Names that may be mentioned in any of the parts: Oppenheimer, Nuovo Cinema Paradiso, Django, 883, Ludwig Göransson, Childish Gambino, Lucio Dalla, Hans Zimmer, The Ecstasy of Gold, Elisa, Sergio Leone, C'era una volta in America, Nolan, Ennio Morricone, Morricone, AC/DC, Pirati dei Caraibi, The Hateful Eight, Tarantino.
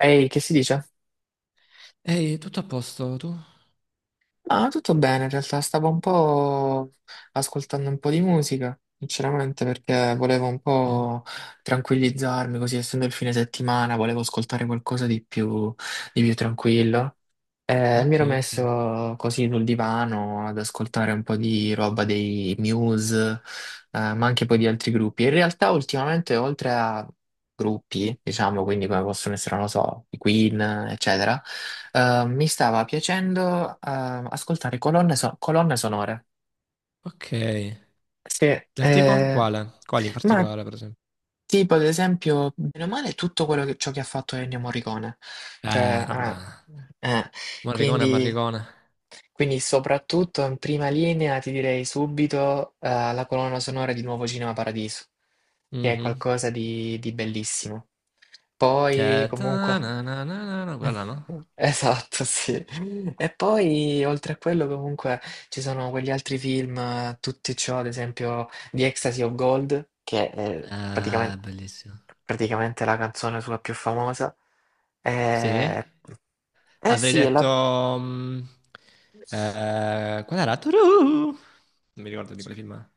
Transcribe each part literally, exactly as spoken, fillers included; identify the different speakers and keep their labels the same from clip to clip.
Speaker 1: Ehi, che si dice?
Speaker 2: Ehi, tutto a posto, tu?
Speaker 1: Ah, tutto bene, in realtà stavo un po' ascoltando un po' di musica, sinceramente, perché volevo un
Speaker 2: Sì.
Speaker 1: po' tranquillizzarmi, così essendo il fine settimana, volevo ascoltare qualcosa di più, di più tranquillo. Eh, mi
Speaker 2: Ok,
Speaker 1: ero
Speaker 2: ok.
Speaker 1: messo così sul divano ad ascoltare un po' di roba dei Muse, eh, ma anche poi di altri gruppi. In realtà ultimamente, oltre a gruppi, diciamo, quindi come possono essere, non lo so, i Queen, eccetera, eh, mi stava piacendo, eh, ascoltare colonne, so- colonne sonore.
Speaker 2: Ok.
Speaker 1: Sì,
Speaker 2: Del tipo?
Speaker 1: eh,
Speaker 2: Quale? Quali in
Speaker 1: ma
Speaker 2: particolare, per esempio?
Speaker 1: tipo ad esempio, bene o male, tutto quello che, ciò che ha fatto Ennio Morricone.
Speaker 2: Ah,
Speaker 1: Cioè,
Speaker 2: vabbè.
Speaker 1: eh, eh,
Speaker 2: Morricone,
Speaker 1: quindi...
Speaker 2: Morricone.
Speaker 1: Quindi soprattutto in prima linea ti direi subito eh, la colonna sonora di Nuovo Cinema Paradiso, che è
Speaker 2: Mhm.
Speaker 1: qualcosa di, di bellissimo. Poi
Speaker 2: Che ta
Speaker 1: comunque...
Speaker 2: na na na na na, quella no?
Speaker 1: Esatto, sì. E poi oltre a quello comunque ci sono quegli altri film, eh, tutti ciò, ad esempio The Ecstasy of Gold, che è praticamente,
Speaker 2: Ah, bellissimo.
Speaker 1: praticamente la canzone sua più famosa.
Speaker 2: Sì?
Speaker 1: Eh, eh
Speaker 2: Avrei
Speaker 1: sì, è la...
Speaker 2: detto... mm, eh, qual era? Turu! Non mi ricordo di quale film è.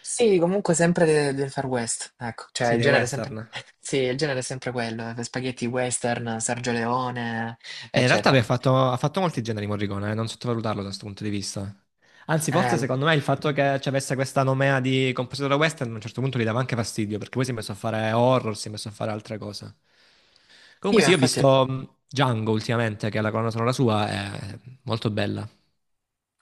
Speaker 1: Sì, comunque sempre de- del Far West, ecco, cioè
Speaker 2: Sì,
Speaker 1: il
Speaker 2: dei
Speaker 1: genere è sempre,
Speaker 2: western.
Speaker 1: sì, il genere è sempre quello, eh, spaghetti western, Sergio Leone,
Speaker 2: Eh, in realtà
Speaker 1: eccetera.
Speaker 2: lui ha fatto, ha fatto molti generi Morricone, eh, non sottovalutarlo da questo punto di vista. Anzi, forse
Speaker 1: Eh,
Speaker 2: secondo me il fatto che ci avesse questa nomea di compositore western a un certo punto gli dava anche fastidio, perché poi si è messo a fare horror, si è messo a fare altre cose. Comunque
Speaker 1: io
Speaker 2: sì, io ho
Speaker 1: infatti,
Speaker 2: visto mh, Django ultimamente, che è la colonna sonora sua, è molto bella.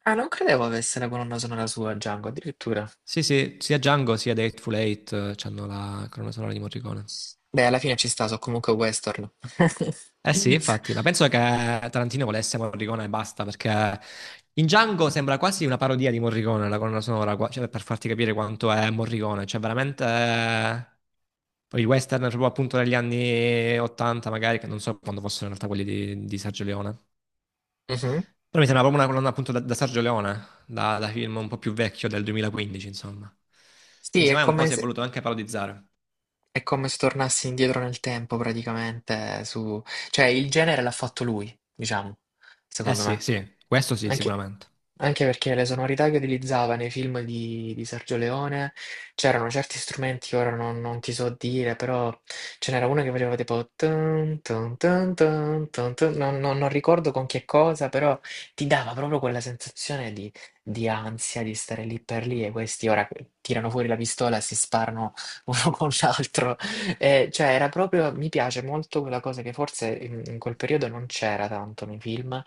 Speaker 1: ah, non credevo avesse la colonna sonora sua, Django, addirittura.
Speaker 2: Sì, sì, sia Django sia The Hateful Eight eh, hanno la colonna sonora di Morricone.
Speaker 1: Beh, alla fine ci sta, so comunque western.
Speaker 2: Eh sì, infatti, ma penso che Tarantino volesse Morricone e basta, perché in Django sembra quasi una parodia di Morricone, la colonna sonora, qua- cioè, per farti capire quanto è Morricone, cioè veramente eh, Poi i western proprio appunto degli anni ottanta magari, che non so quando fossero in realtà quelli di, di Sergio Leone.
Speaker 1: Mhm.
Speaker 2: Però mi sembra proprio una colonna appunto da, da Sergio Leone, da, da film un po' più vecchio del duemilaquindici, insomma.
Speaker 1: Sì,
Speaker 2: Quindi
Speaker 1: è
Speaker 2: secondo me un po'
Speaker 1: come
Speaker 2: si è
Speaker 1: se,
Speaker 2: voluto anche parodizzare.
Speaker 1: è come se tornassi indietro nel tempo praticamente, su... cioè il genere l'ha fatto lui, diciamo,
Speaker 2: Eh
Speaker 1: secondo
Speaker 2: sì,
Speaker 1: me.
Speaker 2: sì, questo sì,
Speaker 1: Anche,
Speaker 2: sicuramente.
Speaker 1: anche perché le sonorità che utilizzava nei film di, di Sergio Leone c'erano certi strumenti che ora non, non ti so dire, però ce n'era una che faceva tipo tun, tun, tun, tun, tun, tun. Non, non- non ricordo con che cosa, però ti dava proprio quella sensazione di, di ansia di stare lì per lì e questi ora tirano fuori la pistola e si sparano uno con l'altro. E, cioè, era proprio, mi piace molto quella cosa che forse in in quel periodo non c'era tanto nei film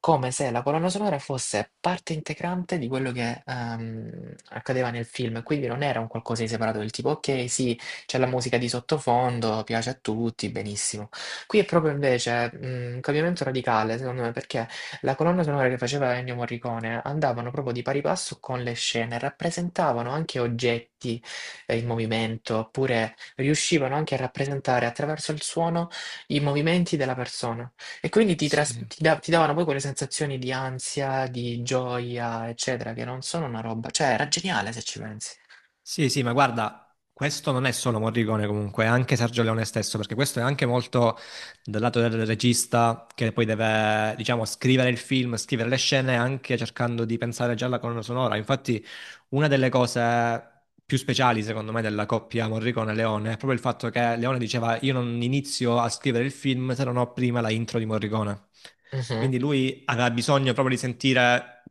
Speaker 1: come se la colonna sonora fosse parte integrante di quello che, ehm, accadeva nel film, quindi non era un qualcosa di separato del tipo: "Okay, sì, c'è la musica di sottofondo, piace a tutti, benissimo". Qui è proprio invece, mhmm, un cambiamento radicale secondo me, perché la colonna sonora che faceva Ennio Morricone andavano proprio di pari passo con le scene, rappresentavano anche oggetti, ehm, in movimento, oppure riuscivano anche a rappresentare attraverso il suono i movimenti della persona. E quindi ti, tras-
Speaker 2: Sì.
Speaker 1: ti da- ti davano poi quelle sensazioni di ansia, di gioia, eccetera, che non sono una roba. Cioè, era geniale se ci pensi.
Speaker 2: Sì, sì, ma guarda, questo non è solo Morricone comunque, è anche Sergio Leone stesso, perché questo è anche molto dal lato del regista che poi deve, diciamo, scrivere il film, scrivere le scene, anche cercando di pensare già alla colonna sonora. Infatti, una delle cose più speciali, secondo me, della coppia Morricone-Leone è proprio il fatto che Leone diceva io non inizio a scrivere il film se non ho prima la intro di Morricone.
Speaker 1: Mhm,
Speaker 2: Quindi lui aveva bisogno proprio di sentire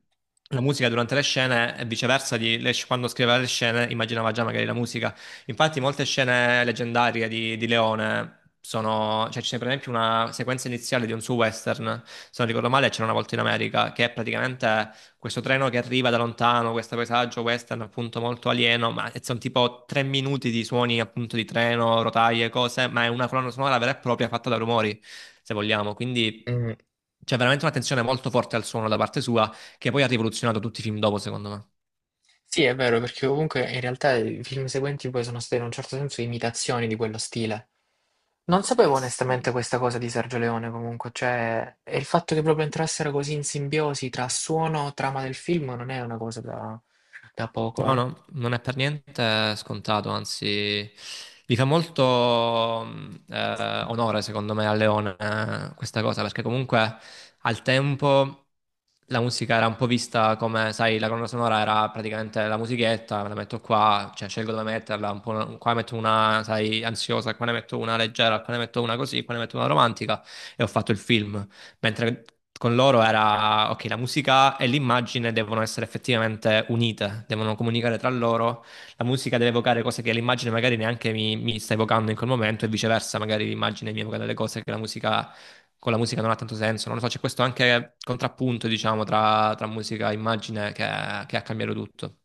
Speaker 2: la musica durante le scene e viceversa, di- le- quando scriveva le scene immaginava già magari la musica. Infatti molte scene leggendarie di, di Leone sono, cioè c'è per esempio una sequenza iniziale di un suo western, se non ricordo male, c'era una volta in America, che è praticamente questo treno che arriva da lontano, questo paesaggio western appunto molto alieno, ma sono tipo tre minuti di suoni appunto di treno, rotaie, cose, ma è una colonna sonora vera e propria fatta da rumori, se vogliamo, quindi
Speaker 1: mm.
Speaker 2: c'è veramente un'attenzione molto forte al suono da parte sua che poi ha rivoluzionato tutti i film dopo, secondo me.
Speaker 1: Sì, è vero, perché comunque in realtà i film seguenti poi sono state in un certo senso imitazioni di quello stile. Non sapevo
Speaker 2: Eh
Speaker 1: onestamente
Speaker 2: sì.
Speaker 1: questa cosa di Sergio Leone comunque, cioè, e il fatto che proprio entrassero così in simbiosi tra suono e trama del film non è una cosa da, da poco,
Speaker 2: No,
Speaker 1: eh.
Speaker 2: no, non è per niente scontato, anzi, gli fa molto mh, eh, onore, secondo me, a Leone eh, questa cosa, perché comunque al tempo la musica era un po' vista come, sai, la colonna sonora era praticamente la musichetta, me la metto qua, cioè scelgo dove metterla, un po', qua ne metto una, sai, ansiosa, qua ne metto una leggera, qua ne metto una così, qua ne metto una romantica e ho fatto il film mentre con loro era, ok, la musica e l'immagine devono essere effettivamente unite, devono comunicare tra loro, la musica deve evocare cose che l'immagine magari neanche mi, mi sta evocando in quel momento e viceversa, magari l'immagine mi evoca delle cose che la musica, con la musica non ha tanto senso, non lo so, c'è questo anche contrappunto, diciamo, tra, tra musica e immagine che, che ha cambiato tutto.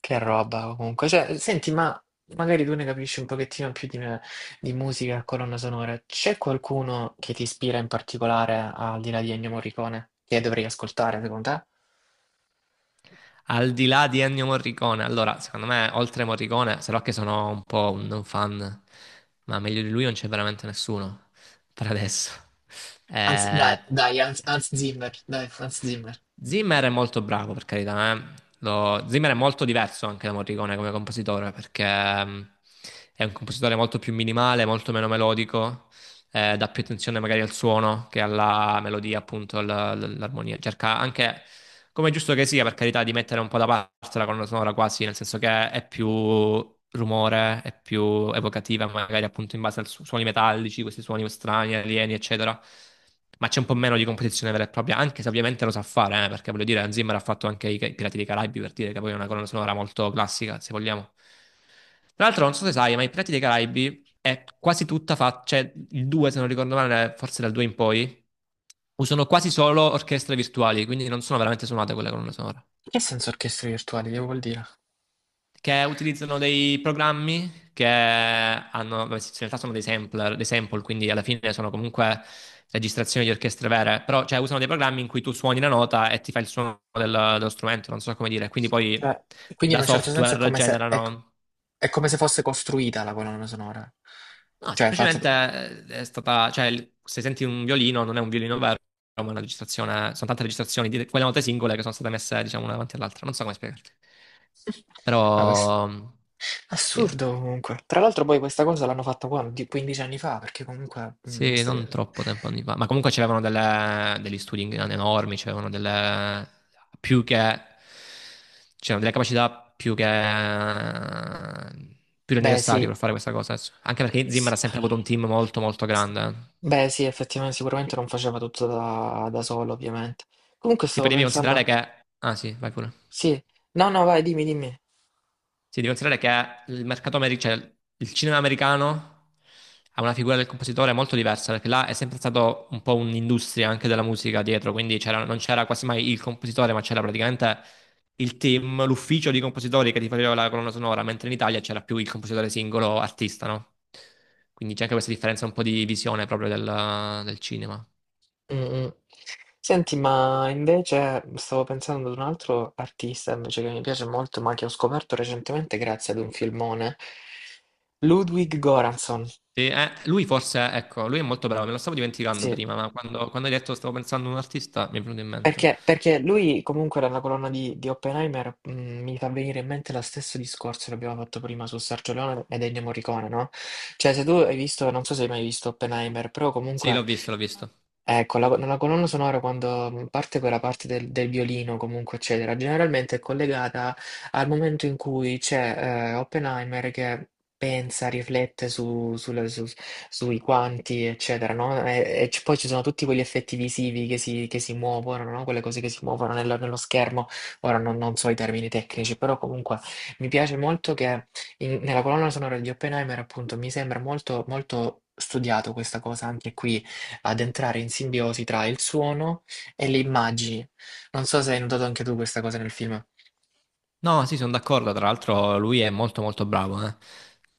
Speaker 1: Che roba comunque. Cioè, senti, ma magari tu ne capisci un pochettino più di me di musica e colonna sonora. C'è qualcuno che ti ispira in particolare al di là di Ennio Morricone che dovrei ascoltare secondo te?
Speaker 2: Al di là di Ennio Morricone, allora, secondo me, oltre Morricone, se no che sono un po' un fan, ma meglio di lui non c'è veramente nessuno per adesso.
Speaker 1: Anzi, dai,
Speaker 2: Eh,
Speaker 1: dai, Hans, Hans Zimmer, dai, Hans Zimmer.
Speaker 2: Zimmer è molto bravo, per carità, eh. Lo- Zimmer è molto diverso anche da Morricone come compositore, perché mm, è un compositore molto più minimale, molto meno melodico, eh, dà più attenzione magari al suono che alla melodia, appunto, all'armonia. Cerca anche, come è giusto che sia, per carità, di mettere un po' da parte la colonna sonora quasi, nel senso che è più rumore, è più evocativa, magari appunto in base ai su- suoni metallici, questi suoni strani, alieni, eccetera. Ma c'è un po' meno di composizione vera e propria, anche se ovviamente lo sa fare, eh, perché voglio dire, Hans Zimmer ha fatto anche i Pirati dei Caraibi, per dire che poi è una colonna sonora molto classica, se vogliamo. Tra l'altro, non so se sai, ma i Pirati dei Caraibi è quasi tutta fatta, cioè il due, se non ricordo male, forse dal due in poi, usano quasi solo orchestre virtuali, quindi non sono veramente suonate quelle colonne sonore.
Speaker 1: Che senso orchestre virtuali? Che vuol dire?
Speaker 2: Che utilizzano dei programmi che hanno, vabbè, sì, in realtà sono dei sampler, dei sample, quindi alla fine sono comunque registrazioni di orchestre vere, però cioè, usano dei programmi in cui tu suoni la nota e ti fa il suono del- dello strumento, non so come dire, quindi poi
Speaker 1: Cioè, quindi in
Speaker 2: da
Speaker 1: un certo senso è
Speaker 2: software
Speaker 1: come se, è,
Speaker 2: generano.
Speaker 1: è come se fosse costruita la colonna sonora.
Speaker 2: No,
Speaker 1: Cioè, è fatta...
Speaker 2: semplicemente eh, è stata, cioè, il- se senti un violino non è un violino vero, ma è una registrazione, sono tante registrazioni di quelle note singole che sono state messe, diciamo, una davanti all'altra. Non so come spiegarti.
Speaker 1: Ah, questo-
Speaker 2: Però, sì,
Speaker 1: Assurdo comunque. Tra l'altro poi questa cosa l'hanno fatta qua di quindici anni fa, perché comunque mm, mi
Speaker 2: sì,
Speaker 1: stai-
Speaker 2: non troppo tempo anni fa. Ma comunque c'erano delle- degli studi in- enormi, c'erano delle, più che, c'erano delle capacità più che, più che
Speaker 1: Beh,
Speaker 2: necessarie
Speaker 1: sì.
Speaker 2: per fare questa cosa. Anche
Speaker 1: Eh,
Speaker 2: perché Zimmer
Speaker 1: sì.
Speaker 2: ha sempre avuto un team molto, molto grande.
Speaker 1: Beh, sì, effettivamente sicuramente non faceva tutto da, da solo, ovviamente. Comunque
Speaker 2: Sì,
Speaker 1: stavo
Speaker 2: poi devi considerare
Speaker 1: pensando,
Speaker 2: che... Ah sì, vai pure.
Speaker 1: sì. No, no, vai, dimmi, dimmi.
Speaker 2: Sì, devi considerare che il mercato americano, cioè il cinema americano ha una figura del compositore molto diversa, perché là è sempre stato un po' un'industria anche della musica dietro, quindi c'era- non c'era quasi mai il compositore, ma c'era praticamente il team, l'ufficio di compositori che ti faceva la colonna sonora, mentre in Italia c'era più il compositore singolo artista, no? Quindi c'è anche questa differenza un po' di visione proprio del del cinema.
Speaker 1: Mm, mm. Senti, ma invece stavo pensando ad un altro artista invece che mi piace molto, ma che ho scoperto recentemente grazie ad un filmone. Ludwig Göransson.
Speaker 2: Sì, eh, lui forse, ecco, lui è molto bravo, me lo stavo dimenticando
Speaker 1: Sì.
Speaker 2: prima, ma quando, quando hai detto stavo pensando a un artista mi è venuto in mente.
Speaker 1: Perché, perché lui comunque dalla colonna di, di Oppenheimer mh, mi fa venire in mente lo stesso discorso che abbiamo fatto prima su Sergio Leone ed Ennio Morricone, no? Cioè se tu hai visto, non so se hai mai visto Oppenheimer, però
Speaker 2: Sì, l'ho
Speaker 1: comunque
Speaker 2: visto, l'ho visto.
Speaker 1: eh, con la, la colonna sonora quando mhmm, parte quella parte del, del violino, comunque, eccetera, generalmente è collegata al momento in cui c'è eh, Oppenheimer che pensa, riflette su- sulle- su- sui quanti, eccetera, no? E, e c- poi ci sono tutti quegli effetti visivi che si, che si muovono, no? Quelle cose che si muovono nello, nello schermo. Ora non, non so i termini tecnici, però comunque mi piace molto che in- nella colonna sonora di Oppenheimer, appunto, mi sembra molto, molto studiato questa cosa anche qui ad entrare in simbiosi tra il suono e le immagini. Non so se hai notato anche tu questa cosa nel film.
Speaker 2: No, sì, sono d'accordo, tra l'altro lui è molto molto bravo, eh.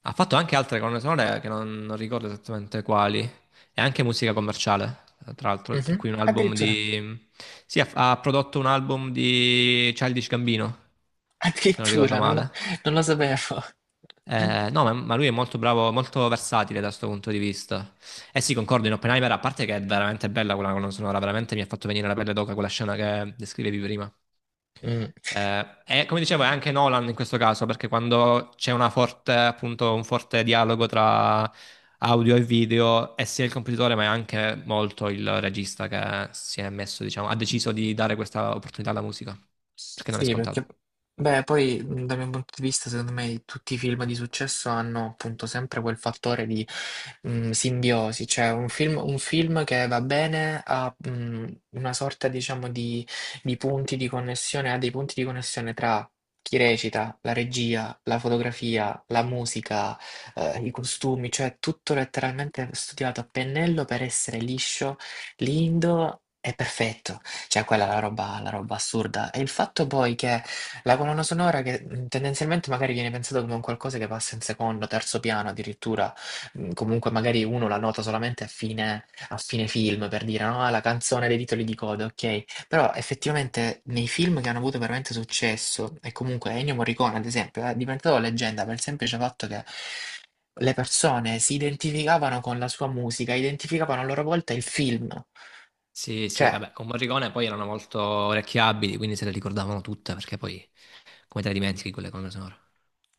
Speaker 2: Ha fatto anche altre colonne sonore che non, non ricordo esattamente quali, e anche musica commerciale, tra l'altro, tra cui
Speaker 1: Mhm.
Speaker 2: un album
Speaker 1: Addirittura,
Speaker 2: di... Sì, ha, ha prodotto un album di Childish Gambino, se non ricordo
Speaker 1: addirittura, non lo,
Speaker 2: male.
Speaker 1: non lo sapevo.
Speaker 2: Eh, no, ma, ma lui è molto bravo, molto versatile da questo punto di vista. Eh sì, concordo in Oppenheimer, a parte che è veramente bella quella colonna sonora, veramente mi ha fatto venire la pelle d'oca quella scena che descrivevi prima.
Speaker 1: Mm.
Speaker 2: Eh, e come dicevo, è anche Nolan in questo caso, perché quando c'è una forte, appunto, un forte dialogo tra audio e video, è sia il compositore, ma è anche molto il regista che si è messo, diciamo, ha deciso di dare questa opportunità alla musica, perché non è
Speaker 1: Sì, perché,
Speaker 2: scontato.
Speaker 1: beh, poi mh, dal mio punto di vista, secondo me, tutti i film di successo hanno appunto sempre quel fattore di mh, simbiosi, cioè un film, un film che va bene ha mh, una sorta, diciamo, di, di punti di connessione, ha dei punti di connessione tra chi recita, la regia, la fotografia, la musica, eh, i costumi, cioè tutto letteralmente studiato a pennello per essere liscio, lindo e perfetto. Cioè quella è la roba la roba assurda. E il fatto poi che la colonna sonora che, mhmm, tendenzialmente magari viene pensato come un qualcosa che passa in secondo, terzo piano addirittura, mhmm, comunque magari uno la nota solamente a fine a fine film per dire, no: "Ah, la canzone dei titoli di coda", okay, però effettivamente nei film che hanno avuto veramente successo e comunque Ennio Morricone ad esempio eh, è diventato leggenda per il semplice fatto che le persone si identificavano con la sua musica, identificavano a loro volta il film.
Speaker 2: Sì, sì,
Speaker 1: Cioè
Speaker 2: vabbè, con Morricone poi erano molto orecchiabili, quindi se le ricordavano tutte, perché poi come te le dimentichi quelle colonne sonore?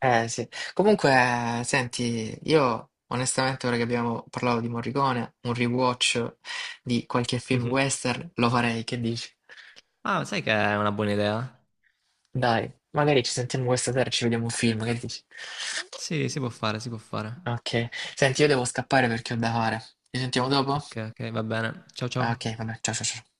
Speaker 1: eh sì, comunque senti, io onestamente ora che abbiamo parlato di Morricone, un rewatch di qualche film
Speaker 2: Mhm.
Speaker 1: western lo farei, che dici?
Speaker 2: Ah, sai che è una buona idea?
Speaker 1: Dai, magari ci sentiamo questa sera e ci vediamo un film, che dici?
Speaker 2: Sì, si può fare, si può fare.
Speaker 1: Ok, senti, io devo scappare perché ho da fare. Ci sentiamo dopo?
Speaker 2: Ok, ok, va bene. Ciao,
Speaker 1: Ah,
Speaker 2: ciao.
Speaker 1: Ok, vabbè, ciao ciao ciao.